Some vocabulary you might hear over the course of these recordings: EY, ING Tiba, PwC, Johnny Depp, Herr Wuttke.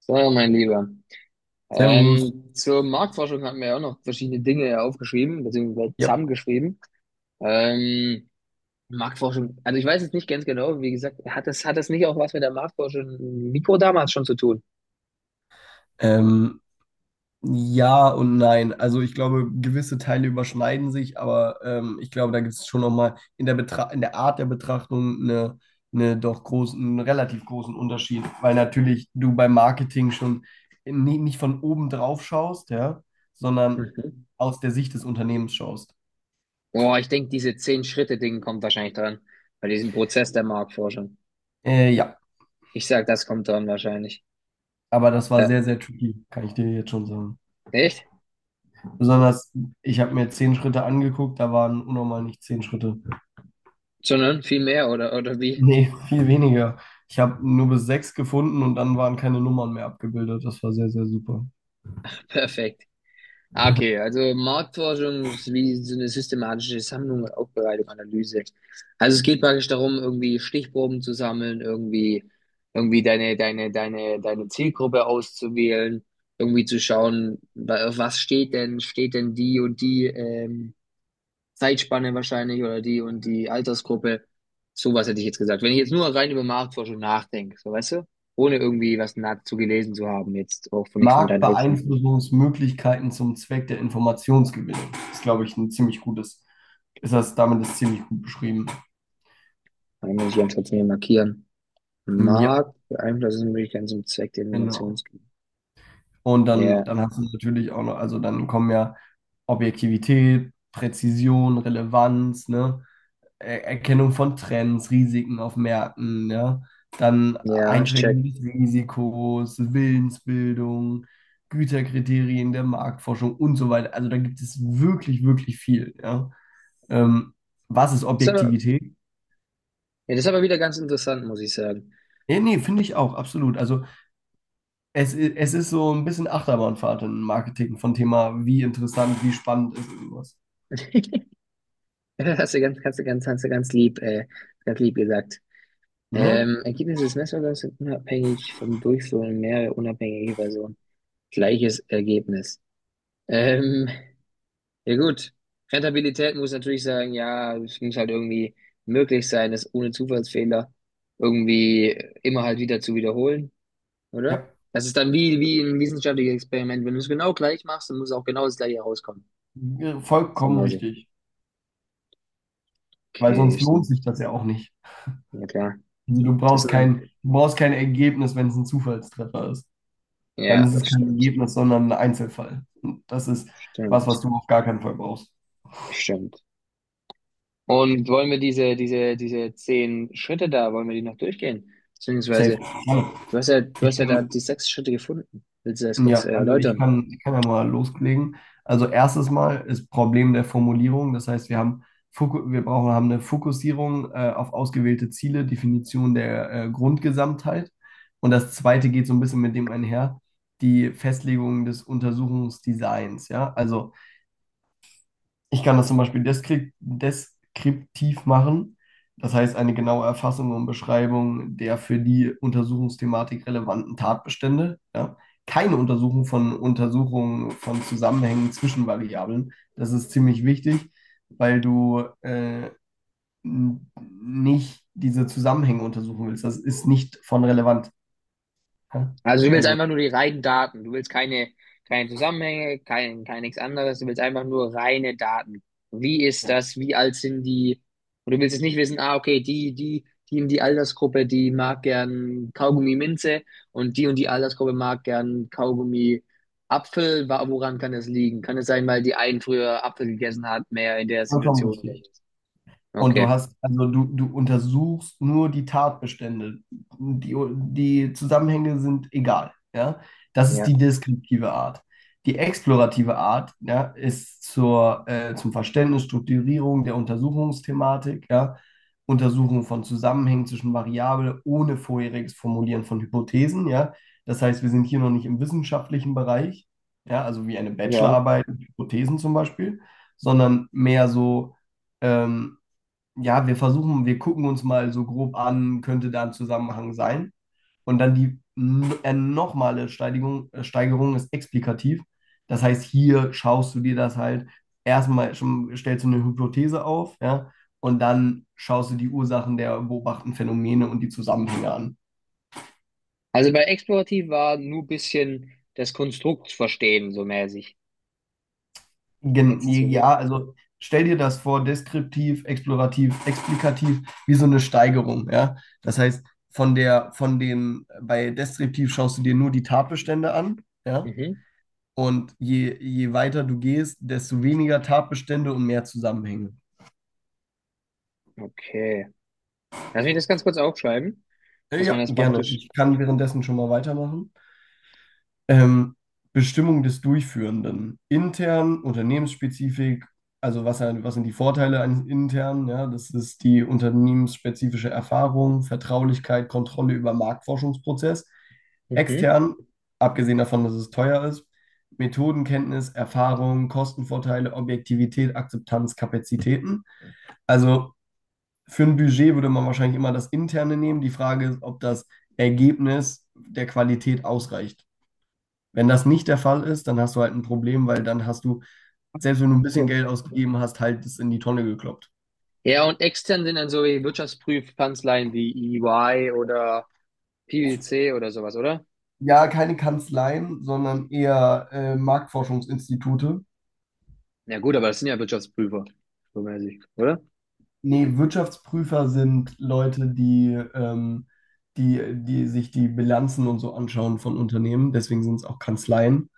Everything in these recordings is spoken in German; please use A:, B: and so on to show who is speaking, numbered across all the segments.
A: So, mein Lieber.
B: Servus.
A: Zur Marktforschung hatten wir ja auch noch verschiedene Dinge aufgeschrieben, beziehungsweise
B: Ja.
A: zusammengeschrieben. Ähm, Marktforschung, also ich weiß jetzt nicht ganz genau, wie gesagt, hat das nicht auch was mit der Marktforschung Mikro damals schon zu tun?
B: Ähm, ja und nein. Also ich glaube, gewisse Teile überschneiden sich, aber ich glaube, da gibt es schon nochmal in der Art der Betrachtung eine doch großen, einen relativ großen Unterschied, weil natürlich du beim Marketing schon nie, nicht von oben drauf schaust, ja, sondern
A: Mhm.
B: aus der Sicht des Unternehmens schaust.
A: Boah, ich denke, diese Zehn-Schritte-Ding kommt wahrscheinlich dran, bei diesem Prozess der Marktforschung.
B: Ja,
A: Ich sag, das kommt dran wahrscheinlich.
B: aber das war
A: Ja,
B: sehr, sehr tricky, kann ich dir jetzt schon sagen.
A: echt?
B: Besonders, ich habe mir zehn Schritte angeguckt, da waren unnormal nicht zehn Schritte.
A: Sondern viel mehr, oder wie?
B: Nee, viel weniger. Ich habe nur bis sechs gefunden und dann waren keine Nummern mehr abgebildet. Das war sehr, sehr super.
A: Perfekt. Ah, okay, also Marktforschung ist wie so eine systematische Sammlung und Aufbereitung, Analyse. Also es geht praktisch darum, irgendwie Stichproben zu sammeln, irgendwie deine Zielgruppe auszuwählen, irgendwie zu schauen, auf was steht denn die und die Zeitspanne wahrscheinlich oder die und die Altersgruppe. Sowas
B: Okay.
A: hätte ich jetzt gesagt. Wenn ich jetzt nur rein über Marktforschung nachdenke, so weißt du, ohne irgendwie was dazu gelesen zu haben, jetzt auch nicht von deinen Aufschriften.
B: Marktbeeinflussungsmöglichkeiten zum Zweck der Informationsgewinnung. Ist, glaube ich, ein ziemlich damit ist ziemlich gut beschrieben.
A: Dann muss ich ganz kurz mir markieren.
B: Mm. Ja,
A: Markt beeinflussen sind ganz zum Zweck der
B: genau.
A: Innovationsgier.
B: Und dann,
A: Ja,
B: dann hast du natürlich auch noch, also dann kommen ja Objektivität, Präzision, Relevanz, ne? Erkennung von Trends, Risiken auf Märkten, ja. Dann
A: ja, ich
B: Einschränkung
A: check.
B: des Risikos, Willensbildung, Güterkriterien der Marktforschung und so weiter. Also da gibt es wirklich, wirklich viel, ja. Ähm, Was ist
A: Ist aber,
B: Objektivität?
A: ja, das ist aber wieder ganz interessant, muss ich sagen.
B: Nee, nee, finde ich auch, absolut. Also es ist so ein bisschen Achterbahnfahrt im Marketing von Thema, wie interessant, wie spannend ist irgendwas.
A: Das Hast du ganz, hast du ganz, hast du ganz lieb gesagt.
B: Ne?
A: Ergebnisse des Netzwerks sind unabhängig vom Durchführen mehrerer unabhängiger Personen. Gleiches Ergebnis. Ähm, ja gut. Rentabilität muss natürlich sagen, ja, es muss halt irgendwie möglich sein, das ohne Zufallsfehler irgendwie immer halt wieder zu wiederholen, oder?
B: Ja,
A: Das ist dann wie ein wissenschaftliches Experiment. Wenn du es genau gleich machst, dann muss auch genau das gleiche rauskommen. So
B: vollkommen
A: mäßig.
B: richtig. Weil
A: Okay,
B: sonst
A: ist
B: lohnt
A: ein,
B: sich das ja auch nicht.
A: ja klar.
B: Also
A: Das ist ein,
B: du brauchst kein Ergebnis, wenn es ein Zufallstreffer ist. Dann
A: ja,
B: ist es
A: das
B: kein
A: stimmt.
B: Ergebnis, sondern ein Einzelfall. Und das ist was,
A: Stimmt.
B: was du auf gar keinen Fall brauchst.
A: Stimmt. Und wollen wir diese zehn Schritte da, wollen wir die noch durchgehen?
B: Safe.
A: Beziehungsweise,
B: Also
A: du hast ja, du
B: ich
A: hast ja da
B: kann,
A: die sechs Schritte gefunden. Willst du das
B: ja,
A: kurz
B: also ich
A: erläutern?
B: kann, ich kann ja mal loslegen. Also erstes Mal ist Problem der Formulierung. Das heißt, wir haben Foku- wir brauchen haben eine Fokussierung auf ausgewählte Ziele, Definition der Grundgesamtheit. Und das zweite geht so ein bisschen mit dem einher, die Festlegung des Untersuchungsdesigns. Ja, also ich kann das zum Beispiel deskriptiv machen, das heißt eine genaue Erfassung und Beschreibung der für die Untersuchungsthematik relevanten Tatbestände. Ja. Keine Untersuchung von Untersuchungen von Zusammenhängen zwischen Variablen. Das ist ziemlich wichtig, weil du nicht diese Zusammenhänge untersuchen willst. Das ist nicht von relevant. Ja.
A: Also du willst
B: Also
A: einfach nur die reinen Daten. Du willst keine, keine Zusammenhänge, kein nichts anderes. Du willst einfach nur reine Daten. Wie ist
B: ja,
A: das? Wie alt sind die? Und du willst jetzt nicht wissen, ah, okay, die in die Altersgruppe, die mag gern Kaugummi Minze und die Altersgruppe mag gern Kaugummi Apfel. Woran kann das liegen? Kann es sein, weil die einen früher Apfel gegessen hat, mehr in der
B: vollkommen
A: Situation oder
B: richtig.
A: so?
B: Und du
A: Okay.
B: hast, also du untersuchst nur die Tatbestände. Die, die Zusammenhänge sind egal, ja. Das ist
A: Ja.
B: die deskriptive Art. Die explorative Art, ja, ist zum Verständnis, Strukturierung der Untersuchungsthematik, ja, Untersuchung von Zusammenhängen zwischen Variablen ohne vorheriges Formulieren von Hypothesen, ja. Das heißt, wir sind hier noch nicht im wissenschaftlichen Bereich, ja, also wie eine
A: Ja.
B: Bachelorarbeit mit Hypothesen zum Beispiel, sondern mehr so ähm, ja, wir versuchen, wir gucken uns mal so grob an, könnte da ein Zusammenhang sein. Und dann die nochmale Steigerung ist explikativ. Das heißt, hier schaust du dir das halt erstmal schon, stellst du eine Hypothese auf, ja, und dann schaust du die Ursachen der beobachteten Phänomene und die Zusammenhänge an.
A: Also bei explorativ war nur ein bisschen das Konstrukt verstehen, so mäßig.
B: Gen
A: Hetze zu Welt.
B: ja, also stell dir das vor, deskriptiv, explorativ, explikativ, wie so eine Steigerung, ja. Das heißt, von der, von dem, bei deskriptiv schaust du dir nur die Tatbestände an, ja.
A: Mhm.
B: Und je, je weiter du gehst, desto weniger Tatbestände und mehr Zusammenhänge.
A: Okay. Lass mich das ganz kurz aufschreiben, dass man
B: Ja,
A: das
B: gerne.
A: praktisch.
B: Ich kann währenddessen schon mal weitermachen. Ähm, Bestimmung des Durchführenden. Intern, unternehmensspezifisch, also was sind die Vorteile eines internen? Ja, das ist die unternehmensspezifische Erfahrung, Vertraulichkeit, Kontrolle über Marktforschungsprozess.
A: Mhm.
B: Extern, abgesehen davon, dass es teuer ist, Methodenkenntnis, Erfahrung, Kostenvorteile, Objektivität, Akzeptanz, Kapazitäten. Also für ein Budget würde man wahrscheinlich immer das Interne nehmen. Die Frage ist, ob das Ergebnis der Qualität ausreicht. Wenn das nicht der Fall ist, dann hast du halt ein Problem, weil dann hast du, selbst wenn du ein bisschen
A: Ja.
B: Geld ausgegeben hast, halt das in die Tonne gekloppt.
A: Ja, und extern sind dann so wie Wirtschaftsprüfkanzleien wie EY oder PwC oder sowas, oder?
B: Ja, keine Kanzleien, sondern eher Marktforschungsinstitute.
A: Ja gut, aber das sind ja Wirtschaftsprüfer, so weiß ich, oder?
B: Nee, Wirtschaftsprüfer sind Leute, die sich die Bilanzen und so anschauen von Unternehmen. Deswegen sind es auch Kanzleien.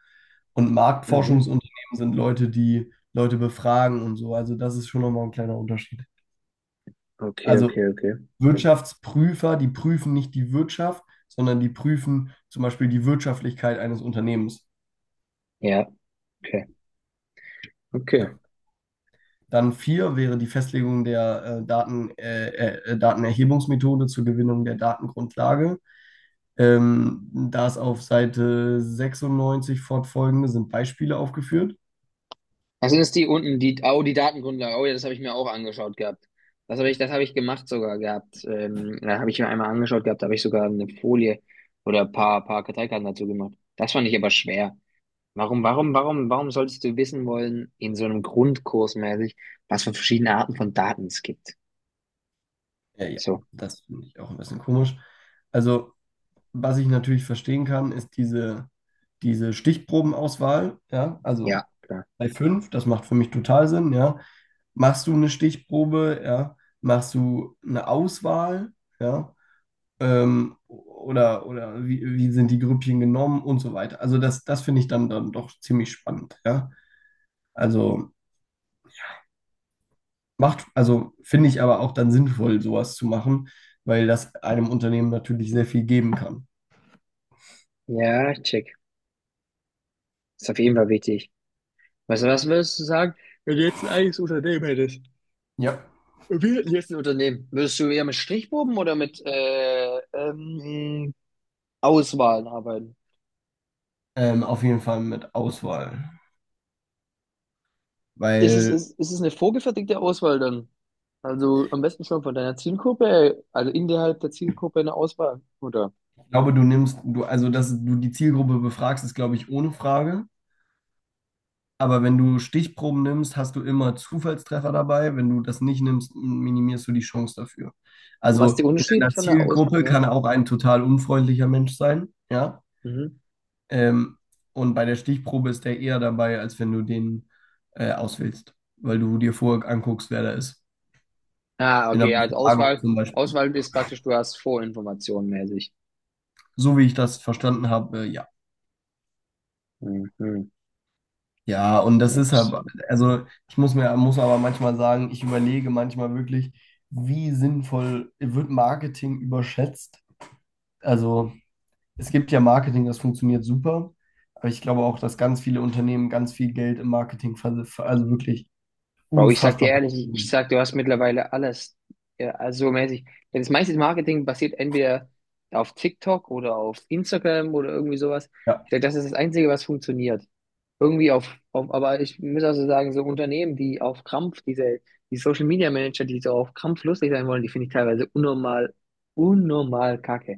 B: Und
A: Mhm.
B: Marktforschungsunternehmen sind Leute, die Leute befragen und so. Also das ist schon nochmal ein kleiner Unterschied.
A: Okay, okay,
B: Also
A: okay.
B: Wirtschaftsprüfer, die prüfen nicht die Wirtschaft, sondern die prüfen zum Beispiel die Wirtschaftlichkeit eines Unternehmens.
A: Ja, okay, okay.
B: Ja. Dann vier wäre die Festlegung der Datenerhebungsmethode zur Gewinnung der Datengrundlage. Da ist auf Seite 96 fortfolgende sind Beispiele aufgeführt.
A: Was? Das ist die unten, die, oh, die Datengrundlage. Oh ja, das habe ich mir auch angeschaut gehabt. Das habe ich gemacht sogar gehabt. Da habe ich mir einmal angeschaut gehabt, da habe ich sogar eine Folie oder ein paar, paar Karteikarten dazu gemacht. Das fand ich aber schwer. Warum solltest du wissen wollen, in so einem Grundkurs mäßig, was für verschiedene Arten von Daten es gibt?
B: Ja, ja,
A: So,
B: das finde ich auch ein bisschen komisch. Also, was ich natürlich verstehen kann, ist diese Stichprobenauswahl. Ja,
A: ja,
B: also
A: klar.
B: bei fünf, das macht für mich total Sinn, ja. Machst du eine Stichprobe, ja? Machst du eine Auswahl, ja? Oder wie, wie sind die Grüppchen genommen und so weiter. Also das finde ich dann doch ziemlich spannend, ja. Also macht, also finde ich aber auch dann sinnvoll, sowas zu machen, weil das einem Unternehmen natürlich sehr viel geben kann.
A: Ja, check. Ist auf jeden Fall wichtig. Weißt du, was würdest du sagen, wenn du jetzt ein eigenes Unternehmen hättest?
B: Ja.
A: Wie lässt ein Unternehmen? Würdest du eher mit Strichproben oder mit Auswahlen arbeiten?
B: Auf jeden Fall mit Auswahl.
A: Ist es,
B: Weil
A: ist, ist es eine vorgefertigte Auswahl dann? Also am besten schon von deiner Zielgruppe, also innerhalb der Zielgruppe eine Auswahl, oder?
B: ich glaube, also dass du die Zielgruppe befragst, ist, glaube ich, ohne Frage. Aber wenn du Stichproben nimmst, hast du immer Zufallstreffer dabei. Wenn du das nicht nimmst, minimierst du die Chance dafür.
A: Was ist der
B: Also in
A: Unterschied
B: deiner
A: von der Aus?
B: Zielgruppe
A: Ja.
B: kann auch ein total unfreundlicher Mensch sein, ja.
A: Mhm.
B: Ähm, und bei der Stichprobe ist der eher dabei, als wenn du den auswählst, weil du dir vorher anguckst, wer da ist.
A: Ah,
B: In der
A: okay, also
B: Befragung
A: Auswahl,
B: zum Beispiel.
A: Auswahl ist praktisch, du hast Vorinformationen mäßig.
B: So wie ich das verstanden habe, ja.
A: Mhm.
B: Ja, und das ist halt, also muss aber manchmal sagen, ich überlege manchmal wirklich, wie sinnvoll wird Marketing überschätzt. Also es gibt ja Marketing, das funktioniert super, aber ich glaube auch, dass ganz viele Unternehmen ganz viel Geld im Marketing also wirklich
A: Wow, ich sag dir
B: unfassbar.
A: ehrlich, ich sag, du hast mittlerweile alles, ja, also mäßig. Ja, das meiste Marketing basiert entweder auf TikTok oder auf Instagram oder irgendwie sowas.
B: Ja,
A: Ich sag, das ist das Einzige, was funktioniert. Irgendwie auf aber ich muss also sagen, so Unternehmen, die auf Krampf, diese, die Social Media Manager, die so auf Krampf lustig sein wollen, die finde ich teilweise unnormal, unnormal kacke.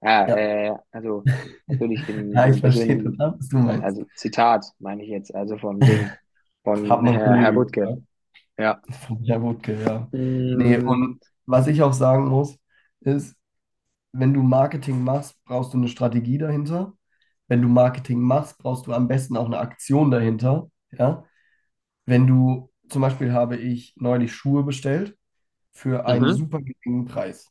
A: Ja,
B: ja.
A: also natürlich im,
B: Ja,
A: im
B: ich verstehe
A: persönlichen,
B: total, was du meinst.
A: also Zitat meine ich jetzt, also vom Ding,
B: Hat
A: von
B: mein
A: Herr
B: Kollege
A: Wuttke.
B: gesagt,
A: Ja.
B: von Herr Wutke, ja. Nee,
A: Mhm.
B: und was ich auch sagen muss, ist, wenn du Marketing machst, brauchst du eine Strategie dahinter. Wenn du Marketing machst, brauchst du am besten auch eine Aktion dahinter. Ja? Wenn du, zum Beispiel habe ich neulich Schuhe bestellt für einen
A: Mhm.
B: super geringen Preis.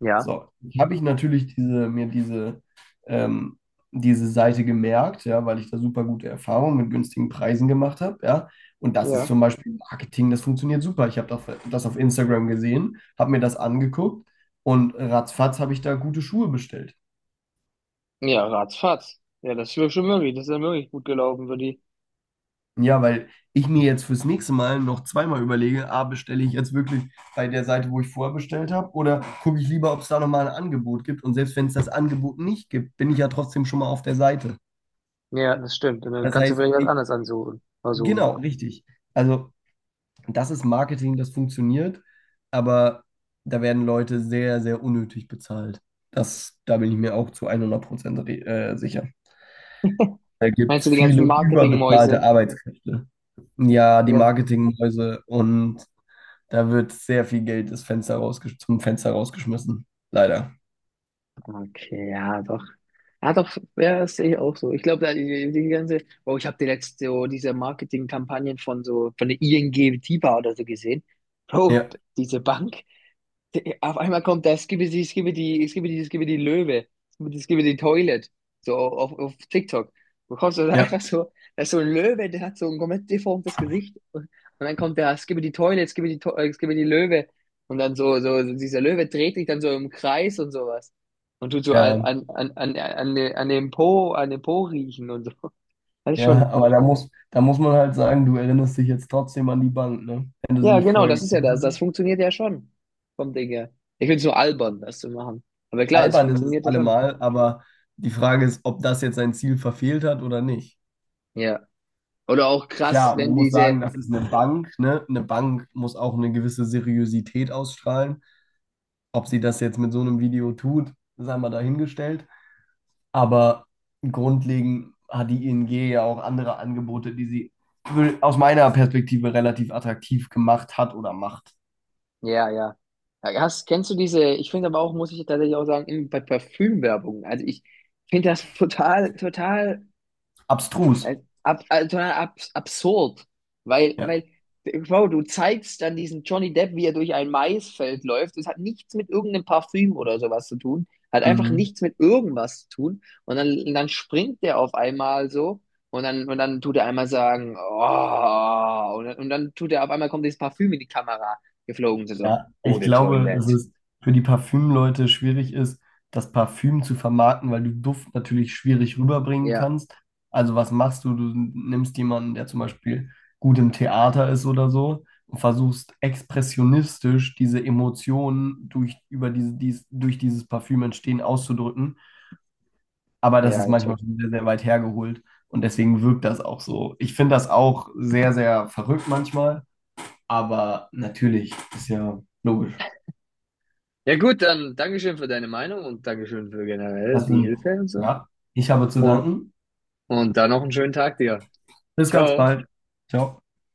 A: Ja.
B: So, habe ich natürlich mir ähm, diese Seite gemerkt, ja, weil ich da super gute Erfahrungen mit günstigen Preisen gemacht habe, ja. Und das ist
A: Ja.
B: zum Beispiel Marketing, das funktioniert super. Ich habe das auf Instagram gesehen, habe mir das angeguckt und ratzfatz habe ich da gute Schuhe bestellt.
A: Ja, ratzfatz. Ja, das ist ja schon möglich. Das ist ja wirklich gut gelaufen für die.
B: Ja, weil ich mir jetzt fürs nächste Mal noch zweimal überlege, ah, bestelle ich jetzt wirklich bei der Seite, wo ich vorher bestellt habe, oder gucke ich lieber, ob es da nochmal ein Angebot gibt. Und selbst wenn es das Angebot nicht gibt, bin ich ja trotzdem schon mal auf der Seite.
A: Ja, das stimmt. Und dann
B: Das
A: kannst du
B: heißt,
A: vielleicht was anderes ansuchen. Versuchen.
B: genau, richtig. Also, das ist Marketing, das funktioniert, aber da werden Leute sehr, sehr unnötig bezahlt. Da bin ich mir auch zu 100% sicher. Da gibt
A: Meinst
B: es
A: du die
B: viele
A: ganzen
B: überbezahlte
A: Marketingmäuse?
B: Arbeitskräfte. Ja, die
A: Ja.
B: Marketingmäuse und da wird sehr viel Geld das Fenster rausgesch zum Fenster rausgeschmissen. Leider.
A: Okay, ja, doch. Ja, doch, ja, das sehe ich auch so. Ich glaube, da die ganze, oh, ich habe die letzte, so diese Marketingkampagnen von so, von der ING Tiba oder so gesehen. Bro,
B: Ja,
A: diese Bank, die- Auf einmal kommt das, gib es die, es gib die Löwe, es gib die Toilet, so auf TikTok. Du kommst also
B: ja,
A: einfach so, da ist so ein Löwe, der hat so ein komplett deformtes Gesicht und dann kommt der, es gib die Toilet, es gib die Löwe und dann so dieser Löwe dreht sich dann so im Kreis und sowas und tut so
B: ja.
A: an dem Po riechen und so. Das ist
B: Ja,
A: schon,
B: aber da da muss man halt sagen, du erinnerst dich jetzt trotzdem an die Bank, ne? Wenn du sie
A: ja
B: nicht
A: genau,
B: vorher
A: das ist ja
B: gekriegt
A: das, das
B: hast.
A: funktioniert ja schon vom Ding her. Ich finde es nur albern, das zu machen, aber klar, es
B: Albern ist es
A: funktioniert ja schon.
B: allemal, aber die Frage ist, ob das jetzt sein Ziel verfehlt hat oder nicht.
A: Ja. Oder auch krass,
B: Klar, man
A: wenn
B: muss
A: diese,
B: sagen, das ist eine Bank, ne? Eine Bank muss auch eine gewisse Seriosität ausstrahlen. Ob sie das jetzt mit so einem Video tut, sei mal dahingestellt. Aber grundlegend hat die ING ja auch andere Angebote, die sie aus meiner Perspektive relativ attraktiv gemacht hat oder macht.
A: ja, ja. Ja, hast, kennst du diese, ich finde aber auch, muss ich tatsächlich auch sagen, bei Parfümwerbung. Also ich finde das total
B: Abstrus.
A: Äh, Ab, total abs absurd. Weil,
B: Ja.
A: weil, wow, du zeigst dann diesen Johnny Depp, wie er durch ein Maisfeld läuft. Das hat nichts mit irgendeinem Parfüm oder sowas zu tun. Hat einfach
B: Mhm.
A: nichts mit irgendwas zu tun. Und dann springt der auf einmal so. Und dann tut er einmal sagen, oh, und dann tut er auf einmal kommt dieses Parfüm in die Kamera geflogen. So, so,
B: Ja,
A: oh,
B: ich
A: the
B: glaube, dass
A: toilet.
B: es für die Parfümleute schwierig ist, das Parfüm zu vermarkten, weil du Duft natürlich schwierig rüberbringen
A: Ja,
B: kannst. Also was machst du? Du nimmst jemanden, der zum Beispiel gut im Theater ist oder so und versuchst expressionistisch diese Emotionen durch dieses Parfüm entstehen auszudrücken. Aber das
A: ja,
B: ist
A: ich
B: manchmal
A: check.
B: schon sehr, sehr weit hergeholt und deswegen wirkt das auch so. Ich finde das auch sehr, sehr verrückt manchmal, aber natürlich ist ja logisch.
A: Ja gut, dann Dankeschön für deine Meinung und Dankeschön für generell
B: Das
A: die
B: wün-
A: Hilfe und so.
B: ja, ich habe zu
A: Und
B: danken.
A: Und dann noch einen schönen Tag dir.
B: Bis ganz
A: Ciao.
B: bald. Ciao.